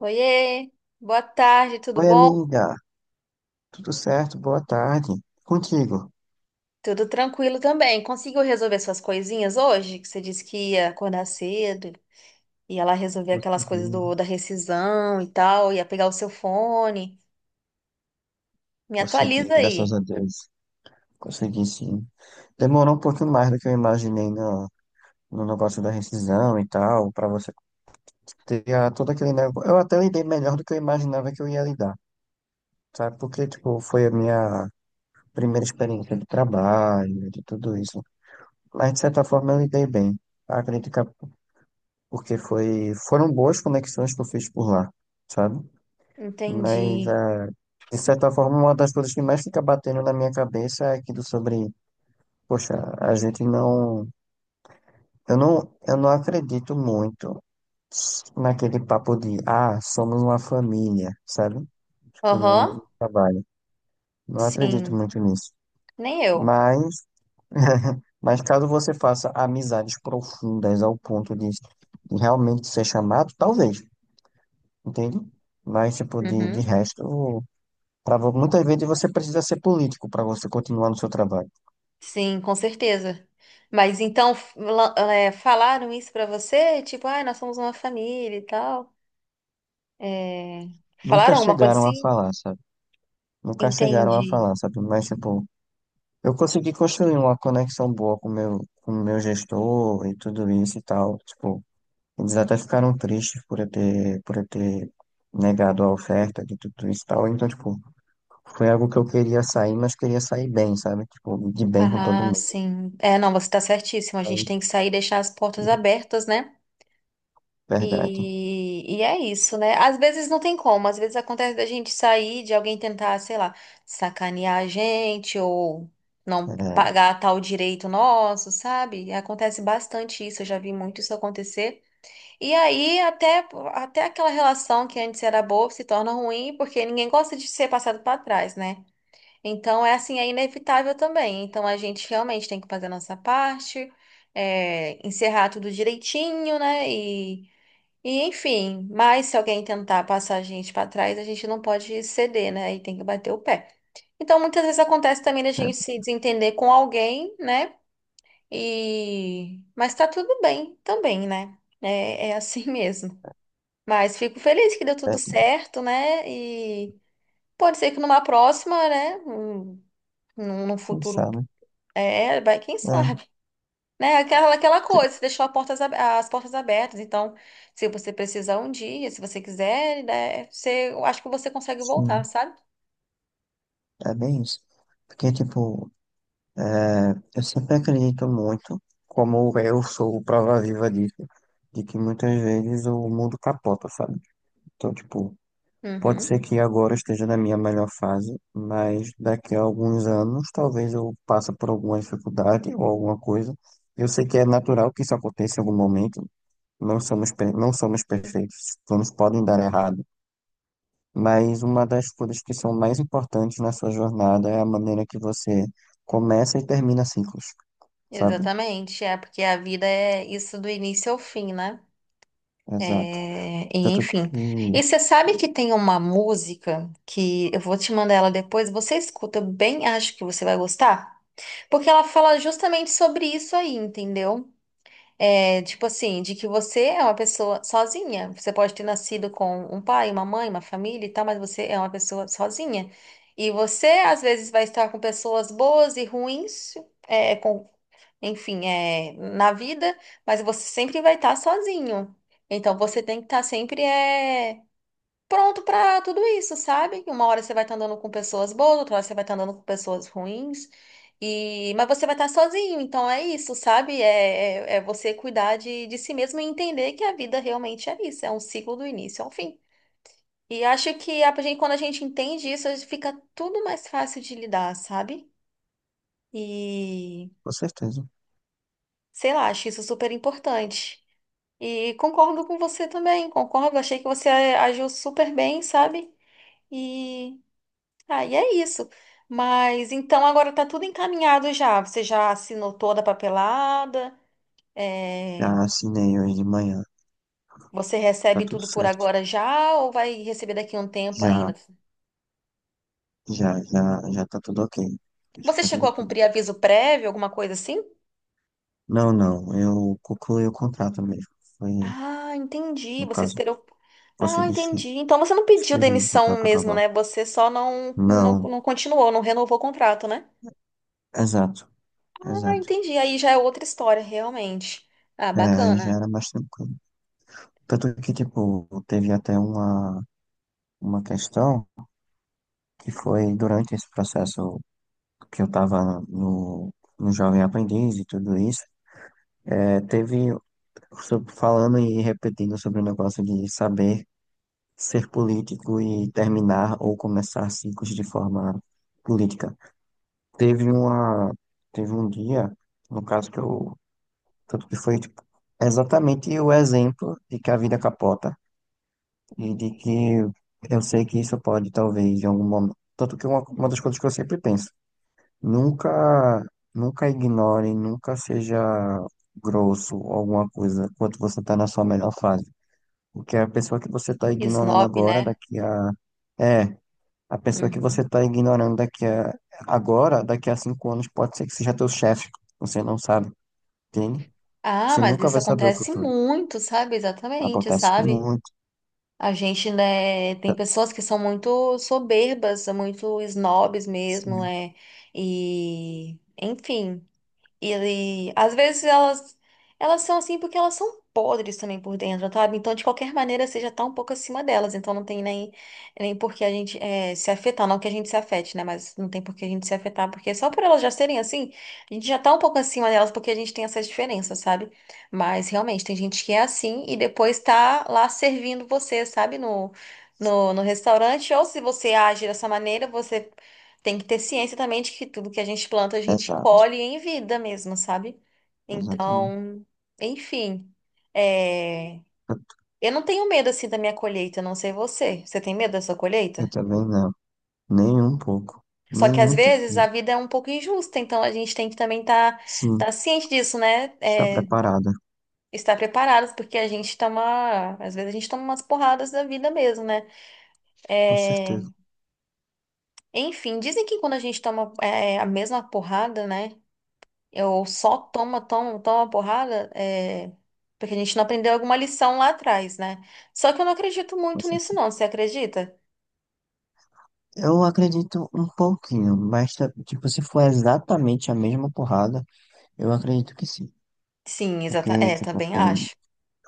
Oiê, boa tarde, tudo Oi, bom? amiga. Tudo certo? Boa tarde. Contigo? Tudo tranquilo também. Conseguiu resolver suas coisinhas hoje? Que você disse que ia acordar cedo, ia lá resolver aquelas coisas Consegui, da rescisão e tal, ia pegar o seu fone. Me consegui, atualiza graças aí. a Deus. Consegui sim. Demorou um pouquinho mais do que eu imaginei no negócio da rescisão e tal, pra você todo aquele negócio. Eu até lidei melhor do que eu imaginava que eu ia lidar, sabe? Porque, tipo, foi a minha primeira experiência de trabalho, de tudo isso. Mas, de certa forma, eu lidei bem. Acredito que é porque foram boas conexões que eu fiz por lá, sabe? Mas, Entendi. De certa forma, uma das coisas que mais fica batendo na minha cabeça é aquilo sobre, poxa, a gente não. Eu não acredito muito naquele papo de, somos uma família, sabe? Tipo, Aham, no trabalho. Não acredito sim, muito nisso. nem eu. Mas, mas caso você faça amizades profundas ao ponto de realmente ser chamado, talvez, entende? Mas, tipo, de Uhum. resto. Muitas vezes você precisa ser político para você continuar no seu trabalho. Sim, com certeza. Mas então, falaram isso pra você? Tipo, ah, nós somos uma família e tal. É, Nunca falaram alguma coisa chegaram a assim? falar, sabe? Nunca chegaram a Entendi. falar, sabe? Mas, tipo, eu consegui construir uma conexão boa com meu gestor e tudo isso e tal. Tipo, eles até ficaram tristes por eu ter negado a oferta de tudo isso e tal. Então, tipo, foi algo que eu queria sair, mas queria sair bem, sabe? Tipo, de bem com todo Ah, mundo. sim. É, não, você tá certíssimo. A gente Aí, tem que sair e deixar as portas abertas, né? verdade. E é isso, né? Às vezes não tem como, às vezes acontece da gente sair, de alguém tentar, sei lá, sacanear a gente ou não É, pagar tal direito nosso, sabe? Acontece bastante isso, eu já vi muito isso acontecer. E aí até, até aquela relação que antes era boa se torna ruim porque ninguém gosta de ser passado para trás, né? Então, é assim, é inevitável também. Então, a gente realmente tem que fazer a nossa parte, é, encerrar tudo direitinho, né? E enfim, mas se alguém tentar passar a gente para trás, a gente não pode ceder, né? E tem que bater o pé. Então, muitas vezes acontece também da é, gente se desentender com alguém, né? E... mas tá tudo bem também, né? É, é assim mesmo. Mas fico feliz que deu é, tudo é, certo, né? E pode ser que numa próxima, né? Num sim, futuro sabe? é, vai, quem É, sabe, né? Aquela, aquela coisa, você deixou a as portas abertas. Então, se você precisar um dia, se você quiser, né, você, eu acho que você consegue voltar, sim. sabe? É bem isso. Porque, tipo, eu sempre acredito muito, como eu sou prova viva disso, de que muitas vezes o mundo capota, sabe? Então, tipo, pode Uhum, ser que agora eu esteja na minha melhor fase, mas daqui a alguns anos talvez eu passe por alguma dificuldade ou alguma coisa. Eu sei que é natural que isso aconteça em algum momento. Não somos perfeitos. Planos podem dar errado. Mas uma das coisas que são mais importantes na sua jornada é a maneira que você começa e termina ciclos, sabe? exatamente, é porque a vida é isso do início ao fim, né? Exato. É, e Tanto enfim. que, E você sabe que tem uma música que eu vou te mandar ela depois, você escuta, eu bem acho que você vai gostar, porque ela fala justamente sobre isso aí, entendeu? É, tipo assim, de que você é uma pessoa sozinha. Você pode ter nascido com um pai, uma mãe, uma família e tal, mas você é uma pessoa sozinha. E você, às vezes, vai estar com pessoas boas e ruins, é, com, enfim, é, na vida, mas você sempre vai estar sozinho. Então, você tem que estar sempre é, pronto pra tudo isso, sabe? Uma hora você vai estar andando com pessoas boas, outra hora você vai estar andando com pessoas ruins. E mas você vai estar sozinho, então é isso, sabe? É, é, é você cuidar de si mesmo e entender que a vida realmente é isso, é um ciclo do início ao fim. E acho que a gente, quando a gente entende isso, a gente fica tudo mais fácil de lidar, sabe? E com certeza, sei lá, acho isso super importante. E concordo com você também, concordo, achei que você agiu super bem, sabe? E ah, e é isso. Mas então agora tá tudo encaminhado já. Você já assinou toda a papelada? É, já assinei hoje de manhã, você tá recebe tudo tudo por certo. agora já ou vai receber daqui a um tempo Já, ainda? já, já, já tá tudo ok. Já Você tá chegou tudo a ok. cumprir aviso prévio, alguma coisa assim? Não, não, eu concluí o contrato mesmo. Foi, Ah, entendi. no Você caso, esperou. Ah, consegui sim. entendi. Então você não pediu Esperei o demissão contrato mesmo, acabar. né? Você só Não, não continuou, não renovou o contrato, né? exato, Ah, exato. entendi. Aí já é outra história, realmente. Ah, É, aí já bacana. era mais tranquilo. Tanto que, tipo, teve até uma questão que foi durante esse processo que eu estava no Jovem Aprendiz e tudo isso, teve falando e repetindo sobre o negócio de saber ser político e terminar ou começar ciclos de forma política. Teve uma, teve um dia, no caso que eu, tanto que foi tipo, exatamente o exemplo de que a vida capota e de que eu sei que isso pode talvez em algum momento, tanto que uma das coisas que eu sempre penso. Nunca, nunca ignore, nunca seja grosso ou alguma coisa enquanto você está na sua melhor fase. Porque a pessoa que você está ignorando Snob, agora, né? daqui a. É, a pessoa que você Uhum. está ignorando daqui a. Agora, daqui a 5 anos, pode ser que seja teu chefe. Você não sabe, entende? Ah, Você mas nunca isso vai saber o acontece futuro. muito, sabe? Exatamente, Acontece sabe? muito. A gente, né, tem pessoas que são muito soberbas, são muito snobs mesmo, Sim. né? E, enfim. E às vezes elas são assim porque elas são podres também por dentro, sabe? Então, de qualquer maneira, você já tá um pouco acima delas. Então, não tem nem, nem por que a gente se afetar. Não que a gente se afete, né? Mas não tem por que a gente se afetar. Porque só por elas já serem assim, a gente já tá um pouco acima delas porque a gente tem essas diferenças, sabe? Mas realmente, tem gente que é assim e depois tá lá servindo você, sabe? No, no restaurante. Ou se você age dessa maneira, você tem que ter ciência também de que tudo que a gente planta, a gente Exato, colhe em vida mesmo, sabe? exatamente. Então, enfim. É, Eu, eu não tenho medo assim da minha colheita, não sei você. Você tem medo da sua eu colheita? também não. Nem um pouco. Só que às Nenhum vezes a tipo. vida é um pouco injusta, então a gente tem que também estar Sim, tá ciente disso, né? está É, preparada. estar preparados, porque a gente toma. Às vezes a gente toma umas porradas da vida mesmo, né? Com É, certeza, enfim, dizem que quando a gente toma é, a mesma porrada, né? Eu só toma, toma, toma porrada, é, porque a gente não aprendeu alguma lição lá atrás, né? Só que eu não acredito com muito nisso, certeza. não. Você acredita? Eu acredito um pouquinho, mas tipo, se for exatamente a mesma porrada, eu acredito que sim. Sim, exata. Porque, É, tipo, também acho.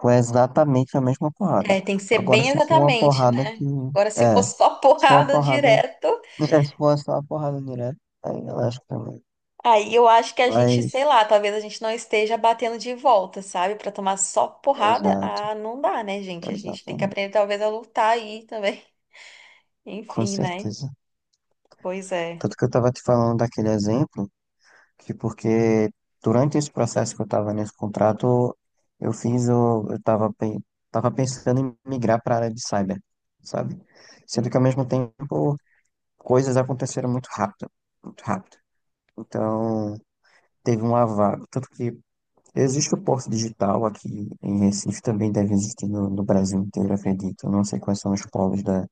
foi exatamente a mesma porrada. É, tem que ser Agora, bem se for uma exatamente, porrada né? que. Agora, se for É, só se for uma porrada porrada. direto, É, se for só uma porrada direta, aí eu acho que também. aí eu acho que a gente, Mas, sei lá, talvez a gente não esteja batendo de volta, sabe? Pra tomar só porrada, exato, ah, não dá, né, gente? A gente tem que exatamente. aprender talvez a lutar aí também. Com Enfim, né? certeza. Pois é. Tanto que eu tava te falando daquele exemplo, que porque durante esse processo que eu estava nesse contrato, eu fiz o, eu estava tava pe- tava pensando em migrar para a área de cyber, sabe? Sendo que ao mesmo tempo coisas aconteceram muito rápido, muito rápido. Então, teve um vaga, tanto que existe o Porto Digital aqui em Recife, também deve existir no Brasil inteiro, acredito. Eu não sei quais são os polos da,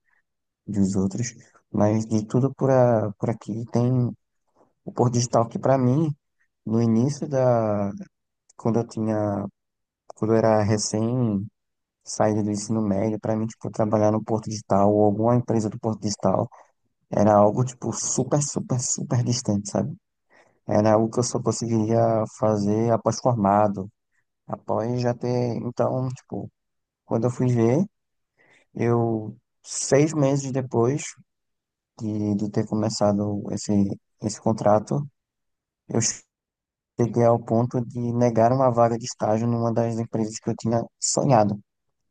dos outros, mas de tudo por, a, por aqui tem o Porto Digital que para mim no início da, quando eu tinha, quando eu era recém saído do ensino médio. Para mim, tipo, trabalhar no Porto Digital ou alguma empresa do Porto Digital era algo, tipo, super, super, super distante, sabe? Era algo que eu só conseguiria fazer após formado, após já ter. Então, tipo, quando eu fui ver, eu, 6 meses depois de ter começado esse contrato, eu cheguei ao ponto de negar uma vaga de estágio numa das empresas que eu tinha sonhado.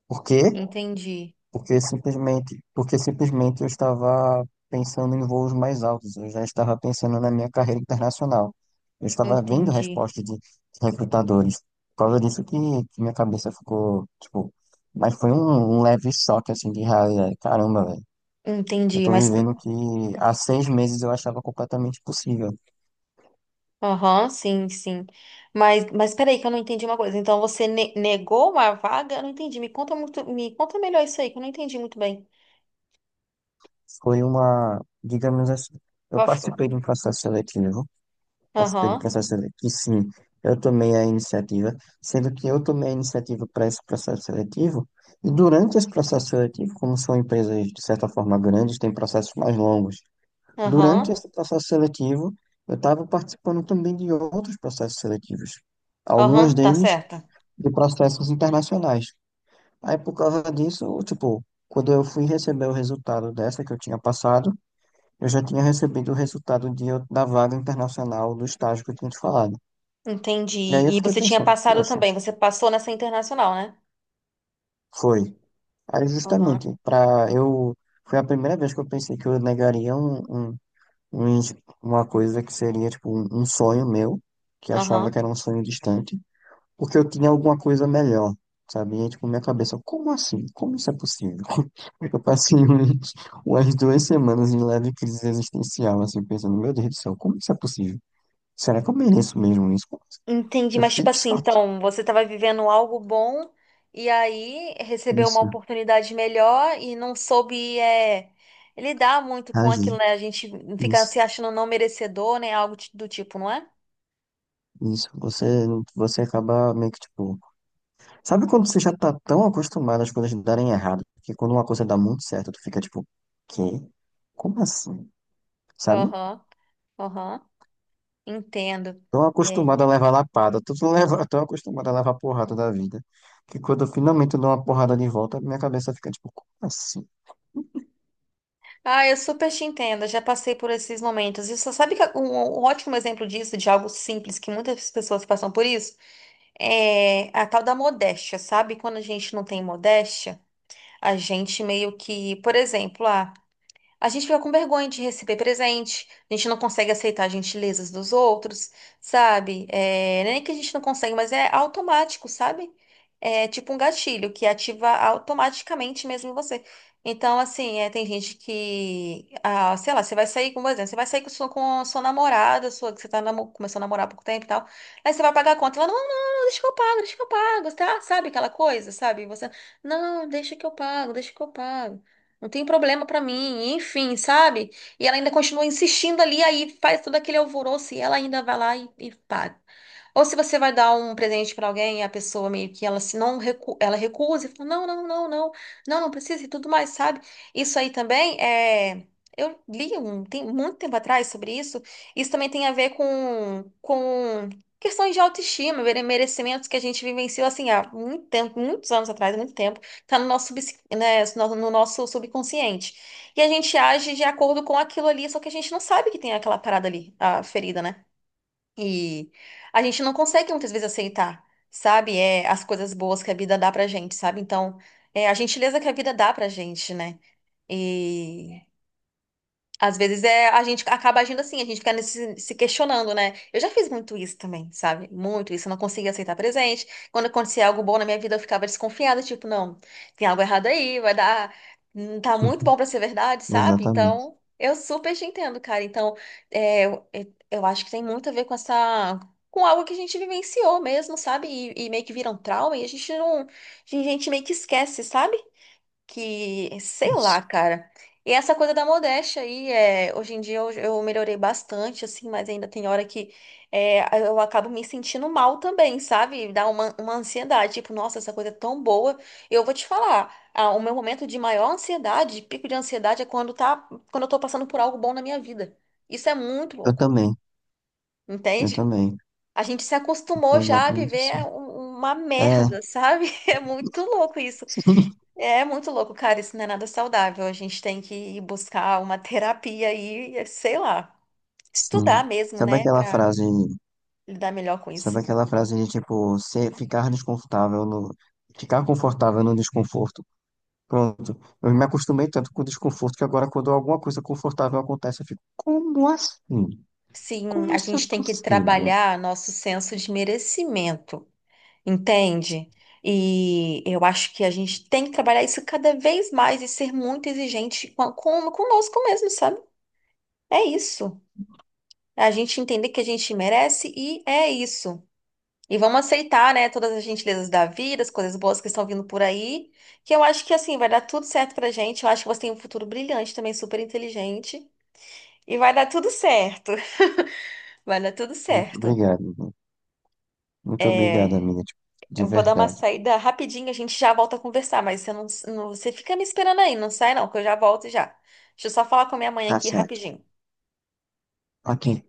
Por quê? Entendi, Porque simplesmente, eu estava pensando em voos mais altos, eu já estava pensando na minha carreira internacional. Eu estava vendo entendi. respostas de recrutadores. Por causa disso que minha cabeça ficou, tipo, mas foi um leve choque assim de realidade. Caramba, velho. Eu Entendi, tô mas vivendo o que há 6 meses eu achava completamente possível. aham, sim, sim. Mas peraí que eu não entendi uma coisa. Então você negou uma vaga? Eu não entendi. Me conta muito, me conta melhor isso aí, que eu não entendi muito bem. Digamos assim, eu Vai falar. participei de um processo seletivo, passo pelo Aham, processo seletivo. Sim, eu tomei a iniciativa, sendo que eu tomei a iniciativa para esse processo seletivo, e durante esse processo seletivo, como são empresas de certa forma grandes, têm processos mais longos. Durante aham, esse processo seletivo, eu estava participando também de outros processos seletivos, aham, algumas tá deles certa. de processos internacionais. Aí, por causa disso, tipo, quando eu fui receber o resultado dessa que eu tinha passado, eu já tinha recebido o resultado da vaga internacional do estágio que eu tinha te falado. Entendi. E aí eu E fiquei você tinha pensando, passado poxa, também. Você passou nessa internacional, né? foi. Aí Aham, justamente, pra eu. Foi a primeira vez que eu pensei que eu negaria um, um ins- uma coisa que seria, tipo, um sonho meu, que achava aham. que era um sonho distante, porque eu tinha alguma coisa melhor, sabe? E aí, tipo, minha cabeça, como assim? Como isso é possível? Eu passei umas 2 semanas em leve crise existencial, assim, pensando, meu Deus do céu, como isso é possível? Será que eu mereço mesmo isso? Entendi, Eu mas fiquei tipo de assim, choque. então você estava vivendo algo bom e aí recebeu uma Isso, oportunidade melhor e não soube é, lidar muito com aquilo, agi. né? A gente fica Isso. se achando não merecedor, né? Algo ti- do tipo, não é? Isso, você acaba meio que tipo. Sabe quando você já tá tão acostumado às coisas darem errado, que quando uma coisa dá muito certo, tu fica tipo, quê? Como assim? Sabe? Aham, aham, entendo. Tão É. acostumado a levar lapada, tô, tô tão acostumado a levar porrada da vida, que quando eu finalmente dou uma porrada de volta, minha cabeça fica tipo, como assim? Ah, eu super te entendo, já passei por esses momentos. E você sabe que um ótimo exemplo disso, de algo simples, que muitas pessoas passam por isso, é a tal da modéstia, sabe? Quando a gente não tem modéstia. A gente meio que, por exemplo, ah, a gente fica com vergonha de receber presente, a gente não consegue aceitar gentilezas dos outros, sabe? É, nem que a gente não consegue, mas é automático, sabe? É tipo um gatilho que ativa automaticamente mesmo em você. Então, assim, é, tem gente que, ah, sei lá, você vai sair, com por exemplo, você vai sair com sua, com a sua namorada, sua, que você tá namo- começando a namorar há pouco tempo e tal, aí você vai pagar a conta, ela, não, deixa que eu pago, deixa que eu pago, tá? Sabe aquela coisa, sabe? Você, não, deixa que eu pago, deixa que eu pago não tem problema pra mim, enfim, sabe? E ela ainda continua insistindo ali, aí faz todo aquele alvoroço e ela ainda vai lá e paga. Ou se você vai dar um presente pra alguém e a pessoa meio que ela se não recu ela recusa e fala, não, não, não precisa e tudo mais, sabe? Isso aí também é. Eu li um, tem muito tempo atrás sobre isso. Isso também tem a ver com questões de autoestima, mere- merecimentos que a gente vivenciou assim há muito tempo, muitos anos atrás, muito tempo. Tá no nosso, subs- né, no nosso subconsciente. E a gente age de acordo com aquilo ali, só que a gente não sabe que tem aquela parada ali, a ferida, né? E a gente não consegue muitas vezes aceitar, sabe? É, as coisas boas que a vida dá pra gente, sabe? Então, é a gentileza que a vida dá pra gente, né? E às vezes é, a gente acaba agindo assim, a gente fica nesse- se questionando, né? Eu já fiz muito isso também, sabe? Muito isso, eu não conseguia aceitar presente. Quando acontecia algo bom na minha vida, eu ficava desconfiada, tipo, não, tem algo errado aí, vai dar, não tá muito bom Uhum. pra ser verdade, sabe? Exatamente. Então, eu super te entendo, cara. Então, é, eu acho que tem muito a ver com essa, com algo que a gente vivenciou mesmo, sabe? E meio que vira um trauma e a gente não, a gente meio que esquece, sabe? Que, sei lá, Isso. cara. E essa coisa da modéstia aí, é, hoje em dia eu melhorei bastante, assim, mas ainda tem hora que é, eu acabo me sentindo mal também, sabe? Dá uma ansiedade, tipo, nossa, essa coisa é tão boa. Eu vou te falar, ah, o meu momento de maior ansiedade, pico de ansiedade, é quando eu tô passando por algo bom na minha vida. Isso é muito Eu louco, também, eu entende? também, A gente se eu tô acostumou já a exatamente viver assim. um- uma É, merda, sabe? É muito louco isso. É muito louco, cara. Isso não é nada saudável. A gente tem que ir buscar uma terapia e, sei lá, estudar sim. mesmo, Sabe né, aquela pra frase. lidar melhor com isso. Sabe aquela frase de tipo, se ficar desconfortável no. Ficar confortável no desconforto. Pronto. Eu me acostumei tanto com o desconforto que agora, quando alguma coisa confortável acontece, eu fico, como assim? Sim, Como a isso é gente tem que possível? trabalhar nosso senso de merecimento, entende? E eu acho que a gente tem que trabalhar isso cada vez mais e ser muito exigente com- conosco mesmo, sabe? É isso. A gente entender que a gente merece e é isso. E vamos aceitar, né, todas as gentilezas da vida, as coisas boas que estão vindo por aí, que eu acho que assim vai dar tudo certo pra gente. Eu acho que você tem um futuro brilhante também, super inteligente, e vai dar tudo certo. Vai dar tudo Muito certo. obrigado, viu? Muito obrigado, É, amiga. Tipo, de eu vou dar uma verdade. saída rapidinho, a gente já volta a conversar, mas você não, você fica me esperando aí, não sai não, que eu já volto já. Deixa eu só falar com a minha mãe Tá aqui certo. rapidinho. Ok.